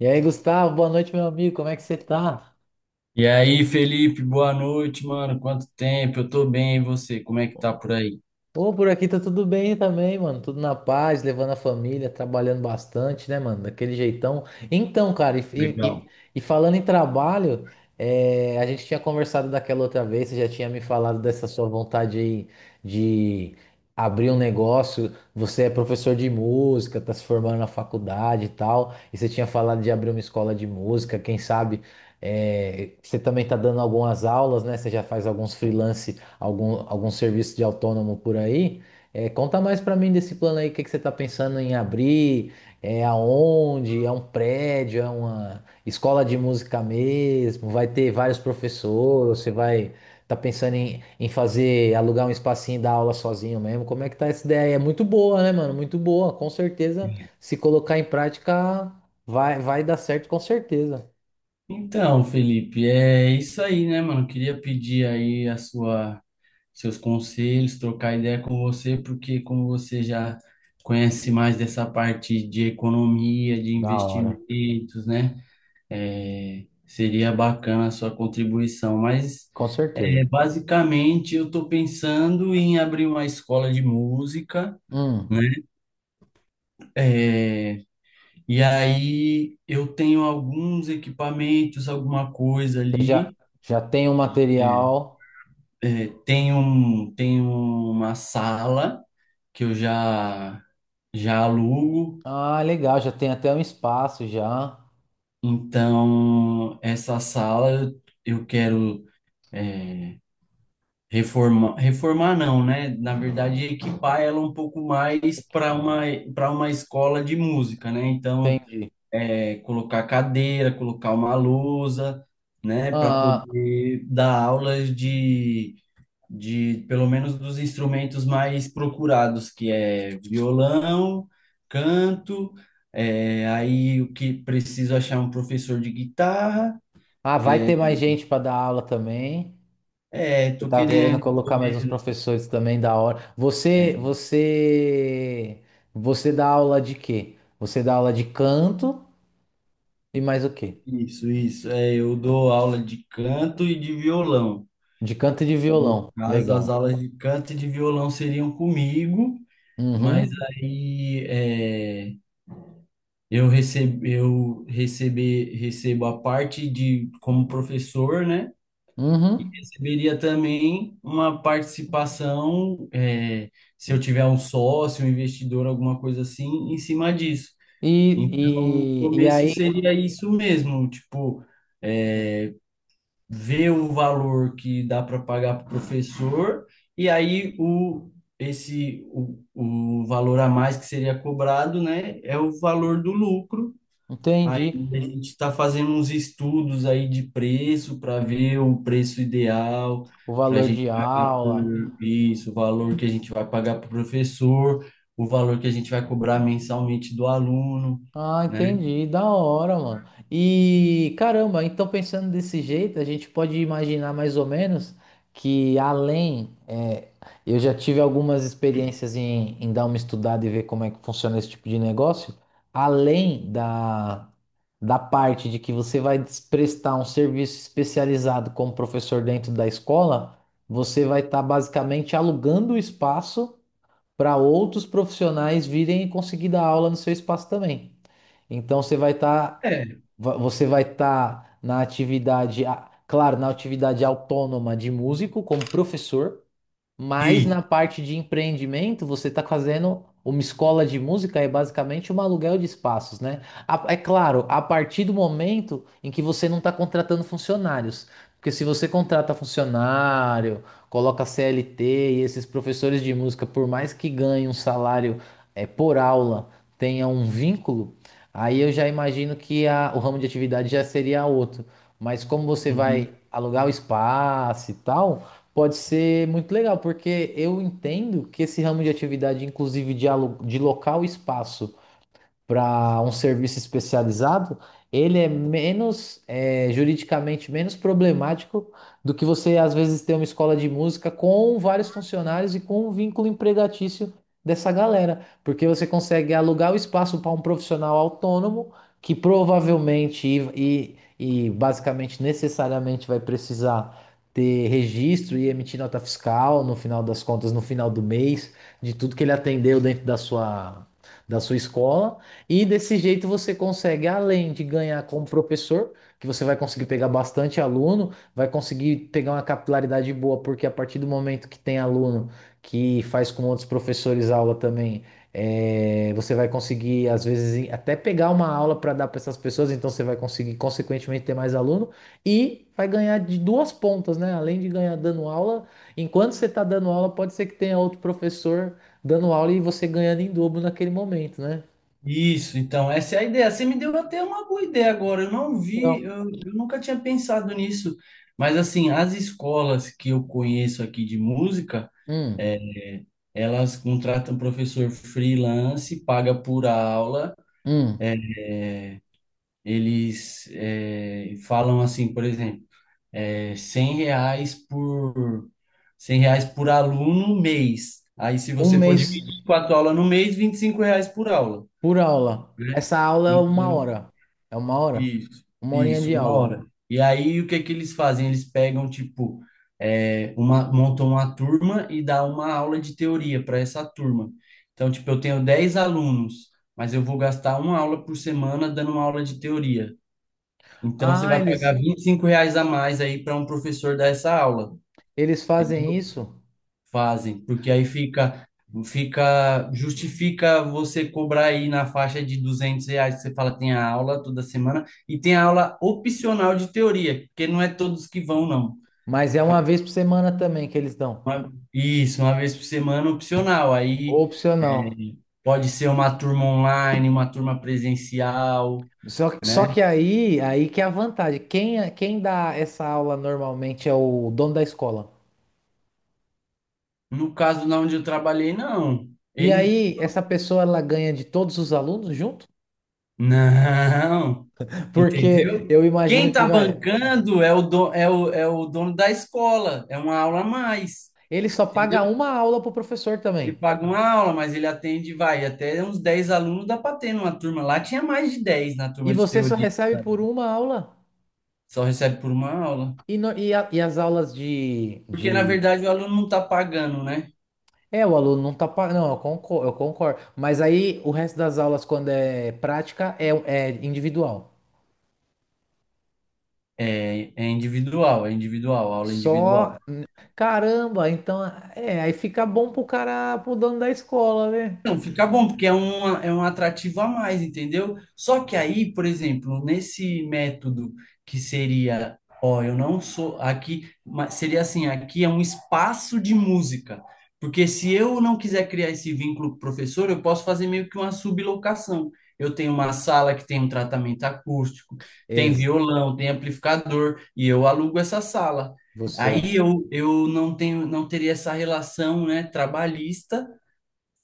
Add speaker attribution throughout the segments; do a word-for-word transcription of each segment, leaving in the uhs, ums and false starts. Speaker 1: E aí, Gustavo, boa noite, meu amigo. Como é que você tá?
Speaker 2: E aí, Felipe, boa noite, mano. Quanto tempo? Eu tô bem, e você? Como é que tá por aí?
Speaker 1: Ô, por aqui tá tudo bem também, mano. Tudo na paz, levando a família, trabalhando bastante, né, mano? Daquele jeitão. Então, cara, e, e- e-
Speaker 2: Legal.
Speaker 1: e falando em trabalho, é, a gente tinha conversado daquela outra vez, você já tinha me falado dessa sua vontade aí de abrir um negócio. Você é professor de música, tá se formando na faculdade e tal, e você tinha falado de abrir uma escola de música, quem sabe. é, você também tá dando algumas aulas, né? Você já faz alguns freelance algum, algum serviço de autônomo por aí. É, conta mais para mim desse plano aí, o que que você está pensando em abrir, é aonde, é um prédio, é uma escola de música mesmo, vai ter vários professores, você vai tá pensando em, em fazer, alugar um espacinho e dar aula sozinho mesmo. Como é que tá essa ideia? É muito boa, né, mano? Muito boa, com certeza, se colocar em prática, vai, vai dar certo com certeza.
Speaker 2: Então, Felipe, é isso aí, né, mano? Queria pedir aí a sua, seus conselhos, trocar ideia com você, porque como você já conhece mais dessa parte de economia, de
Speaker 1: Da hora,
Speaker 2: investimentos, né? É, seria bacana a sua contribuição, mas
Speaker 1: com certeza.
Speaker 2: é, basicamente eu estou pensando em abrir uma escola de música, né?
Speaker 1: Hum,
Speaker 2: É, e aí eu tenho alguns equipamentos, alguma coisa
Speaker 1: você já,
Speaker 2: ali.
Speaker 1: já tem o
Speaker 2: Hum.
Speaker 1: material.
Speaker 2: É, tem um, tem uma sala que eu já já alugo.
Speaker 1: Ah, legal, já tem até um espaço já.
Speaker 2: Então, essa sala eu, eu quero, é, reformar, reformar não, né? Na verdade, equipar ela um pouco mais para uma para uma escola de música, né? Então,
Speaker 1: Entendi.
Speaker 2: é, colocar cadeira, colocar uma lousa, né, para
Speaker 1: Ah,
Speaker 2: poder dar aulas de, de pelo menos dos instrumentos mais procurados, que é violão, canto, é, aí o que preciso achar um professor de guitarra.
Speaker 1: ah, vai
Speaker 2: É,
Speaker 1: ter mais gente para dar aula também.
Speaker 2: é,
Speaker 1: Eu
Speaker 2: tô
Speaker 1: tava querendo
Speaker 2: querendo, tô
Speaker 1: colocar mais uns
Speaker 2: vendo.
Speaker 1: professores também da hora. Você,
Speaker 2: É,
Speaker 1: você, você dá aula de quê? Você dá aula de canto e mais o quê?
Speaker 2: isso, isso. É, eu dou aula de canto e de violão.
Speaker 1: De canto e de
Speaker 2: No
Speaker 1: violão.
Speaker 2: caso, as
Speaker 1: Legal.
Speaker 2: aulas de canto e de violão seriam comigo. Mas
Speaker 1: Uhum.
Speaker 2: aí é, eu recebo, eu recebe, recebo a parte de como professor, né? E
Speaker 1: Uhum.
Speaker 2: receberia também uma participação, é, se eu tiver um sócio, um investidor, alguma coisa assim, em cima disso. Então, o
Speaker 1: E, e, e
Speaker 2: começo
Speaker 1: aí,
Speaker 2: seria isso mesmo, tipo, eh, vê um valor que dá para pagar para o professor, e aí o, esse, o, o valor a mais que seria cobrado, né, é o valor do lucro. Aí
Speaker 1: entendi
Speaker 2: a gente está fazendo uns estudos aí de preço para ver o preço ideal,
Speaker 1: o
Speaker 2: para a
Speaker 1: valor
Speaker 2: gente
Speaker 1: de
Speaker 2: pagar por
Speaker 1: aula.
Speaker 2: isso, o valor que a gente vai pagar para o professor, o valor que a gente vai cobrar mensalmente do aluno,
Speaker 1: Ah,
Speaker 2: né?
Speaker 1: entendi, da hora, mano. E caramba, então pensando desse jeito, a gente pode imaginar mais ou menos que além, é, eu já tive algumas experiências em, em dar uma estudada e ver como é que funciona esse tipo de negócio. Além da, da parte de que você vai des- prestar um serviço especializado como professor dentro da escola, você vai estar basicamente alugando o espaço para outros profissionais virem e conseguir dar aula no seu espaço também. Então você vai estar,
Speaker 2: É.
Speaker 1: você vai estar na atividade, a- claro, na atividade autônoma de músico como professor, mas
Speaker 2: E,
Speaker 1: na parte de empreendimento, você está fazendo uma escola de música, é basicamente um aluguel de espaços, né? A- É claro, a partir do momento em que você não está contratando funcionários. Porque se você contrata funcionário, coloca C L T e esses professores de música, por mais que ganhem um salário é, por aula, tenha um vínculo, aí eu já imagino que a- o ramo de atividade já seria outro. Mas como você vai
Speaker 2: uhum.
Speaker 1: alugar o espaço e tal. Pode ser muito legal, porque eu entendo que esse ramo de atividade, inclusive de, alu- de local e espaço, para um serviço especializado, ele é menos, é, juridicamente menos problemático do que você às vezes ter uma escola de música com vários funcionários e com um vínculo empregatício dessa galera, porque você consegue alugar o espaço para um profissional autônomo que provavelmente e, e, e basicamente necessariamente vai precisar ter registro e emitir nota fiscal no final das contas, no final do mês, de tudo que ele atendeu dentro da sua da sua escola e desse jeito você consegue, além de ganhar como professor, que você vai conseguir pegar bastante aluno, vai conseguir pegar uma capilaridade boa, porque a partir do momento que tem aluno que faz com outros professores aula também, eh, você vai conseguir, às vezes, em- até pegar uma aula para dar para essas pessoas, então você vai conseguir, consequentemente, ter mais aluno e vai ganhar de duas pontas, né? Além de ganhar dando aula, enquanto você está dando aula, pode ser que tenha outro professor dando aula e você ganhando em dobro naquele momento, né?
Speaker 2: Isso, então, essa é a ideia. Você me deu até uma boa ideia agora. Eu não vi, eu, eu nunca tinha pensado nisso. Mas, assim, as escolas que eu conheço aqui de música,
Speaker 1: Um,
Speaker 2: é, elas contratam professor freelance, paga por aula.
Speaker 1: um,
Speaker 2: Eles eh, falam assim, por exemplo, eh, cem reais por cem reais por aluno mês. Aí, se
Speaker 1: um
Speaker 2: você for
Speaker 1: mês
Speaker 2: dividir quatro aulas no mês, vinte e cinco reais por aula,
Speaker 1: por aula.
Speaker 2: né?
Speaker 1: Essa aula é uma
Speaker 2: Então,
Speaker 1: hora. É uma hora?
Speaker 2: Isso,
Speaker 1: Uma horinha
Speaker 2: isso,
Speaker 1: de
Speaker 2: uma
Speaker 1: aula.
Speaker 2: hora. E aí o que que eles fazem? Eles pegam, tipo, é, uma, montam uma turma e dá uma aula de teoria para essa turma. Então, tipo, eu tenho dez alunos, mas eu vou gastar uma aula por semana dando uma aula de teoria. Então, você
Speaker 1: Ah,
Speaker 2: vai
Speaker 1: eles,
Speaker 2: pagar vinte e cinco reais a mais aí para um professor dar essa aula.
Speaker 1: eles fazem isso,
Speaker 2: Fazem, porque aí fica, fica, justifica você cobrar aí na faixa de duzentos reais, que você fala tem a aula toda semana, e tem a aula opcional de teoria, porque não é todos que vão, não.
Speaker 1: mas é uma vez por semana também que eles dão.
Speaker 2: Uma- Isso, uma vez por semana opcional, aí
Speaker 1: Opcional.
Speaker 2: é, pode ser uma turma online, uma turma presencial,
Speaker 1: Só,
Speaker 2: né?
Speaker 1: só que aí, aí que é a vantagem. Quem, quem dá essa aula normalmente é o dono da escola.
Speaker 2: No caso, na onde eu trabalhei, não.
Speaker 1: E
Speaker 2: Ele
Speaker 1: aí, essa pessoa ela ganha de todos os alunos junto?
Speaker 2: Não,
Speaker 1: Porque
Speaker 2: entendeu?
Speaker 1: eu
Speaker 2: Quem
Speaker 1: imagino que
Speaker 2: está
Speaker 1: vai.
Speaker 2: bancando é o, do- é o, é o dono da escola, é uma aula a mais,
Speaker 1: Ele só paga
Speaker 2: entendeu?
Speaker 1: uma aula pro professor
Speaker 2: Ele
Speaker 1: também.
Speaker 2: paga uma aula, mas ele atende, vai, até uns dez alunos dá para ter numa turma. Lá tinha mais de dez na
Speaker 1: E
Speaker 2: turma de
Speaker 1: você só
Speaker 2: teoria,
Speaker 1: recebe
Speaker 2: sabe?
Speaker 1: por uma aula?
Speaker 2: Só recebe por uma aula.
Speaker 1: E, no- e, a- e as aulas de,
Speaker 2: Porque, na
Speaker 1: de...
Speaker 2: verdade, o aluno não está pagando, né?
Speaker 1: É, o aluno não tá... pa- Não, eu concordo, eu concordo. Mas aí o resto das aulas, quando é prática, é, é individual.
Speaker 2: É, é individual, é individual, aula
Speaker 1: Só...
Speaker 2: individual.
Speaker 1: Caramba, então... É, aí fica bom pro cara, pro dono da escola, né?
Speaker 2: Não, fica bom, porque é um, é um atrativo a mais, entendeu? Só que aí, por exemplo, nesse método que seria, ó, eu não sou aqui, mas seria assim, aqui é um espaço de música. Porque se eu não quiser criar esse vínculo com o professor, eu posso fazer meio que uma sublocação. Eu tenho uma sala que tem um tratamento acústico, tem
Speaker 1: Ex-
Speaker 2: violão, tem amplificador, e eu alugo essa sala.
Speaker 1: Você, ó,
Speaker 2: Aí eu, eu não tenho, não teria essa relação, né, trabalhista,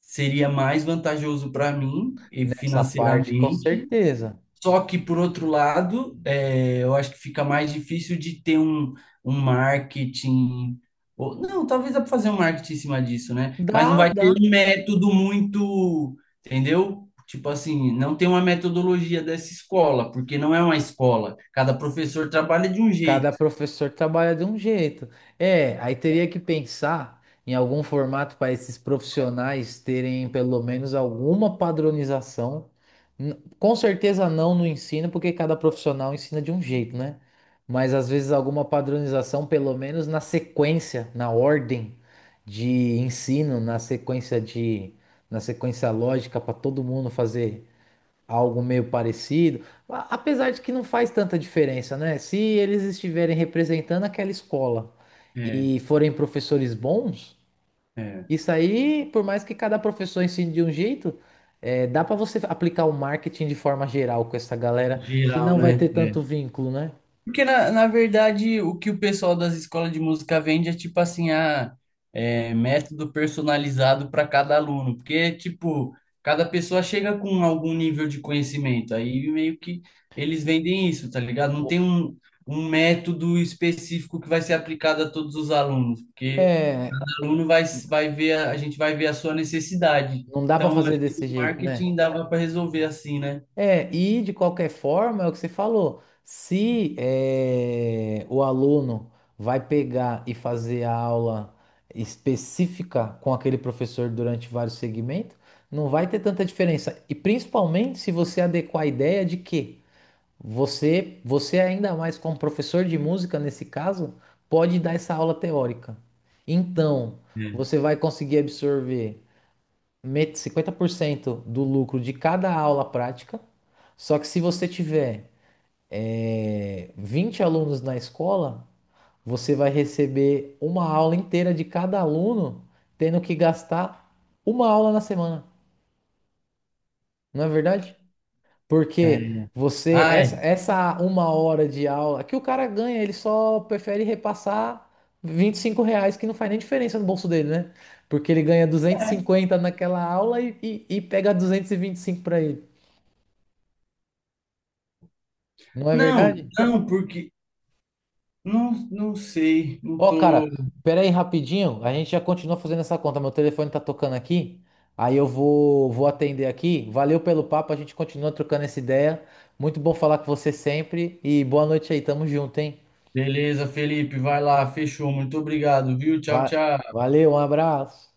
Speaker 2: seria mais vantajoso para mim e
Speaker 1: nessa parte, com
Speaker 2: financeiramente.
Speaker 1: certeza.
Speaker 2: Só que, por outro lado, é, eu acho que fica mais difícil de ter um, um marketing. Ou- não, talvez dá para fazer um marketing em cima disso, né? Mas não
Speaker 1: Dá,
Speaker 2: vai ter
Speaker 1: dá.
Speaker 2: um método muito. Entendeu? Tipo assim, não tem uma metodologia dessa escola, porque não é uma escola. Cada professor trabalha de um
Speaker 1: Cada
Speaker 2: jeito.
Speaker 1: professor trabalha de um jeito. É, aí teria que pensar em algum formato para esses profissionais terem pelo menos alguma padronização. N- Com certeza não no ensino, porque cada profissional ensina de um jeito, né? Mas às vezes alguma padronização, pelo menos na sequência, na ordem de ensino, na sequência de, na sequência lógica para todo mundo fazer algo meio parecido, a- apesar de que não faz tanta diferença, né? Se eles estiverem representando aquela escola
Speaker 2: É,
Speaker 1: e forem professores bons,
Speaker 2: é.
Speaker 1: isso aí, por mais que cada professor ensine de um jeito, é, dá para você aplicar o marketing de forma geral com essa galera que
Speaker 2: Geral,
Speaker 1: não vai
Speaker 2: né?
Speaker 1: ter tanto vínculo, né?
Speaker 2: Porque, na, na verdade, o que o pessoal das escolas de música vende é tipo assim, a, é, método personalizado para cada aluno. Porque, tipo, cada pessoa chega com algum nível de conhecimento. Aí meio que eles vendem isso, tá ligado? Não tem um, um método específico que vai ser aplicado a todos os alunos. Porque
Speaker 1: É,
Speaker 2: o aluno vai, vai ver, a, a gente vai ver a sua necessidade.
Speaker 1: não dá para
Speaker 2: Então, eu
Speaker 1: fazer
Speaker 2: acho que
Speaker 1: desse
Speaker 2: o
Speaker 1: jeito, né?
Speaker 2: marketing dava para resolver assim, né?
Speaker 1: É, e de qualquer forma, é o que você falou. Se eh, o aluno vai pegar e fazer a aula específica com aquele professor durante vários segmentos, não vai ter tanta diferença. E principalmente se você adequar a ideia de que você, você ainda mais como professor de música nesse caso, pode dar essa aula teórica. Então, você vai conseguir absorver met- cinquenta por cento do lucro de cada aula prática. Só que se você tiver é, vinte alunos na escola, você vai receber uma aula inteira de cada aluno, tendo que gastar uma aula na semana, não é verdade?
Speaker 2: É.
Speaker 1: Porque
Speaker 2: É.
Speaker 1: você,
Speaker 2: Ah,
Speaker 1: essa,
Speaker 2: é.
Speaker 1: essa uma hora de aula que o cara ganha, ele só prefere repassar vinte e cinco reais, que não faz nem diferença no bolso dele, né? Porque ele ganha duzentos e cinquenta naquela aula e, e, e pega duzentos e vinte e cinco para ele. Não é
Speaker 2: Não,
Speaker 1: verdade?
Speaker 2: não, porque não, não sei, não
Speaker 1: Ó,
Speaker 2: tô.
Speaker 1: cara, pera aí rapidinho. A gente já continua fazendo essa conta. Meu telefone tá tocando aqui. Aí eu vou, vou atender aqui. Valeu pelo papo. A gente continua trocando essa ideia. Muito bom falar com você sempre. E boa noite aí. Tamo junto, hein?
Speaker 2: Beleza, Felipe, vai lá, fechou. Muito obrigado, viu? Tchau,
Speaker 1: Va-
Speaker 2: tchau.
Speaker 1: Valeu, um abraço.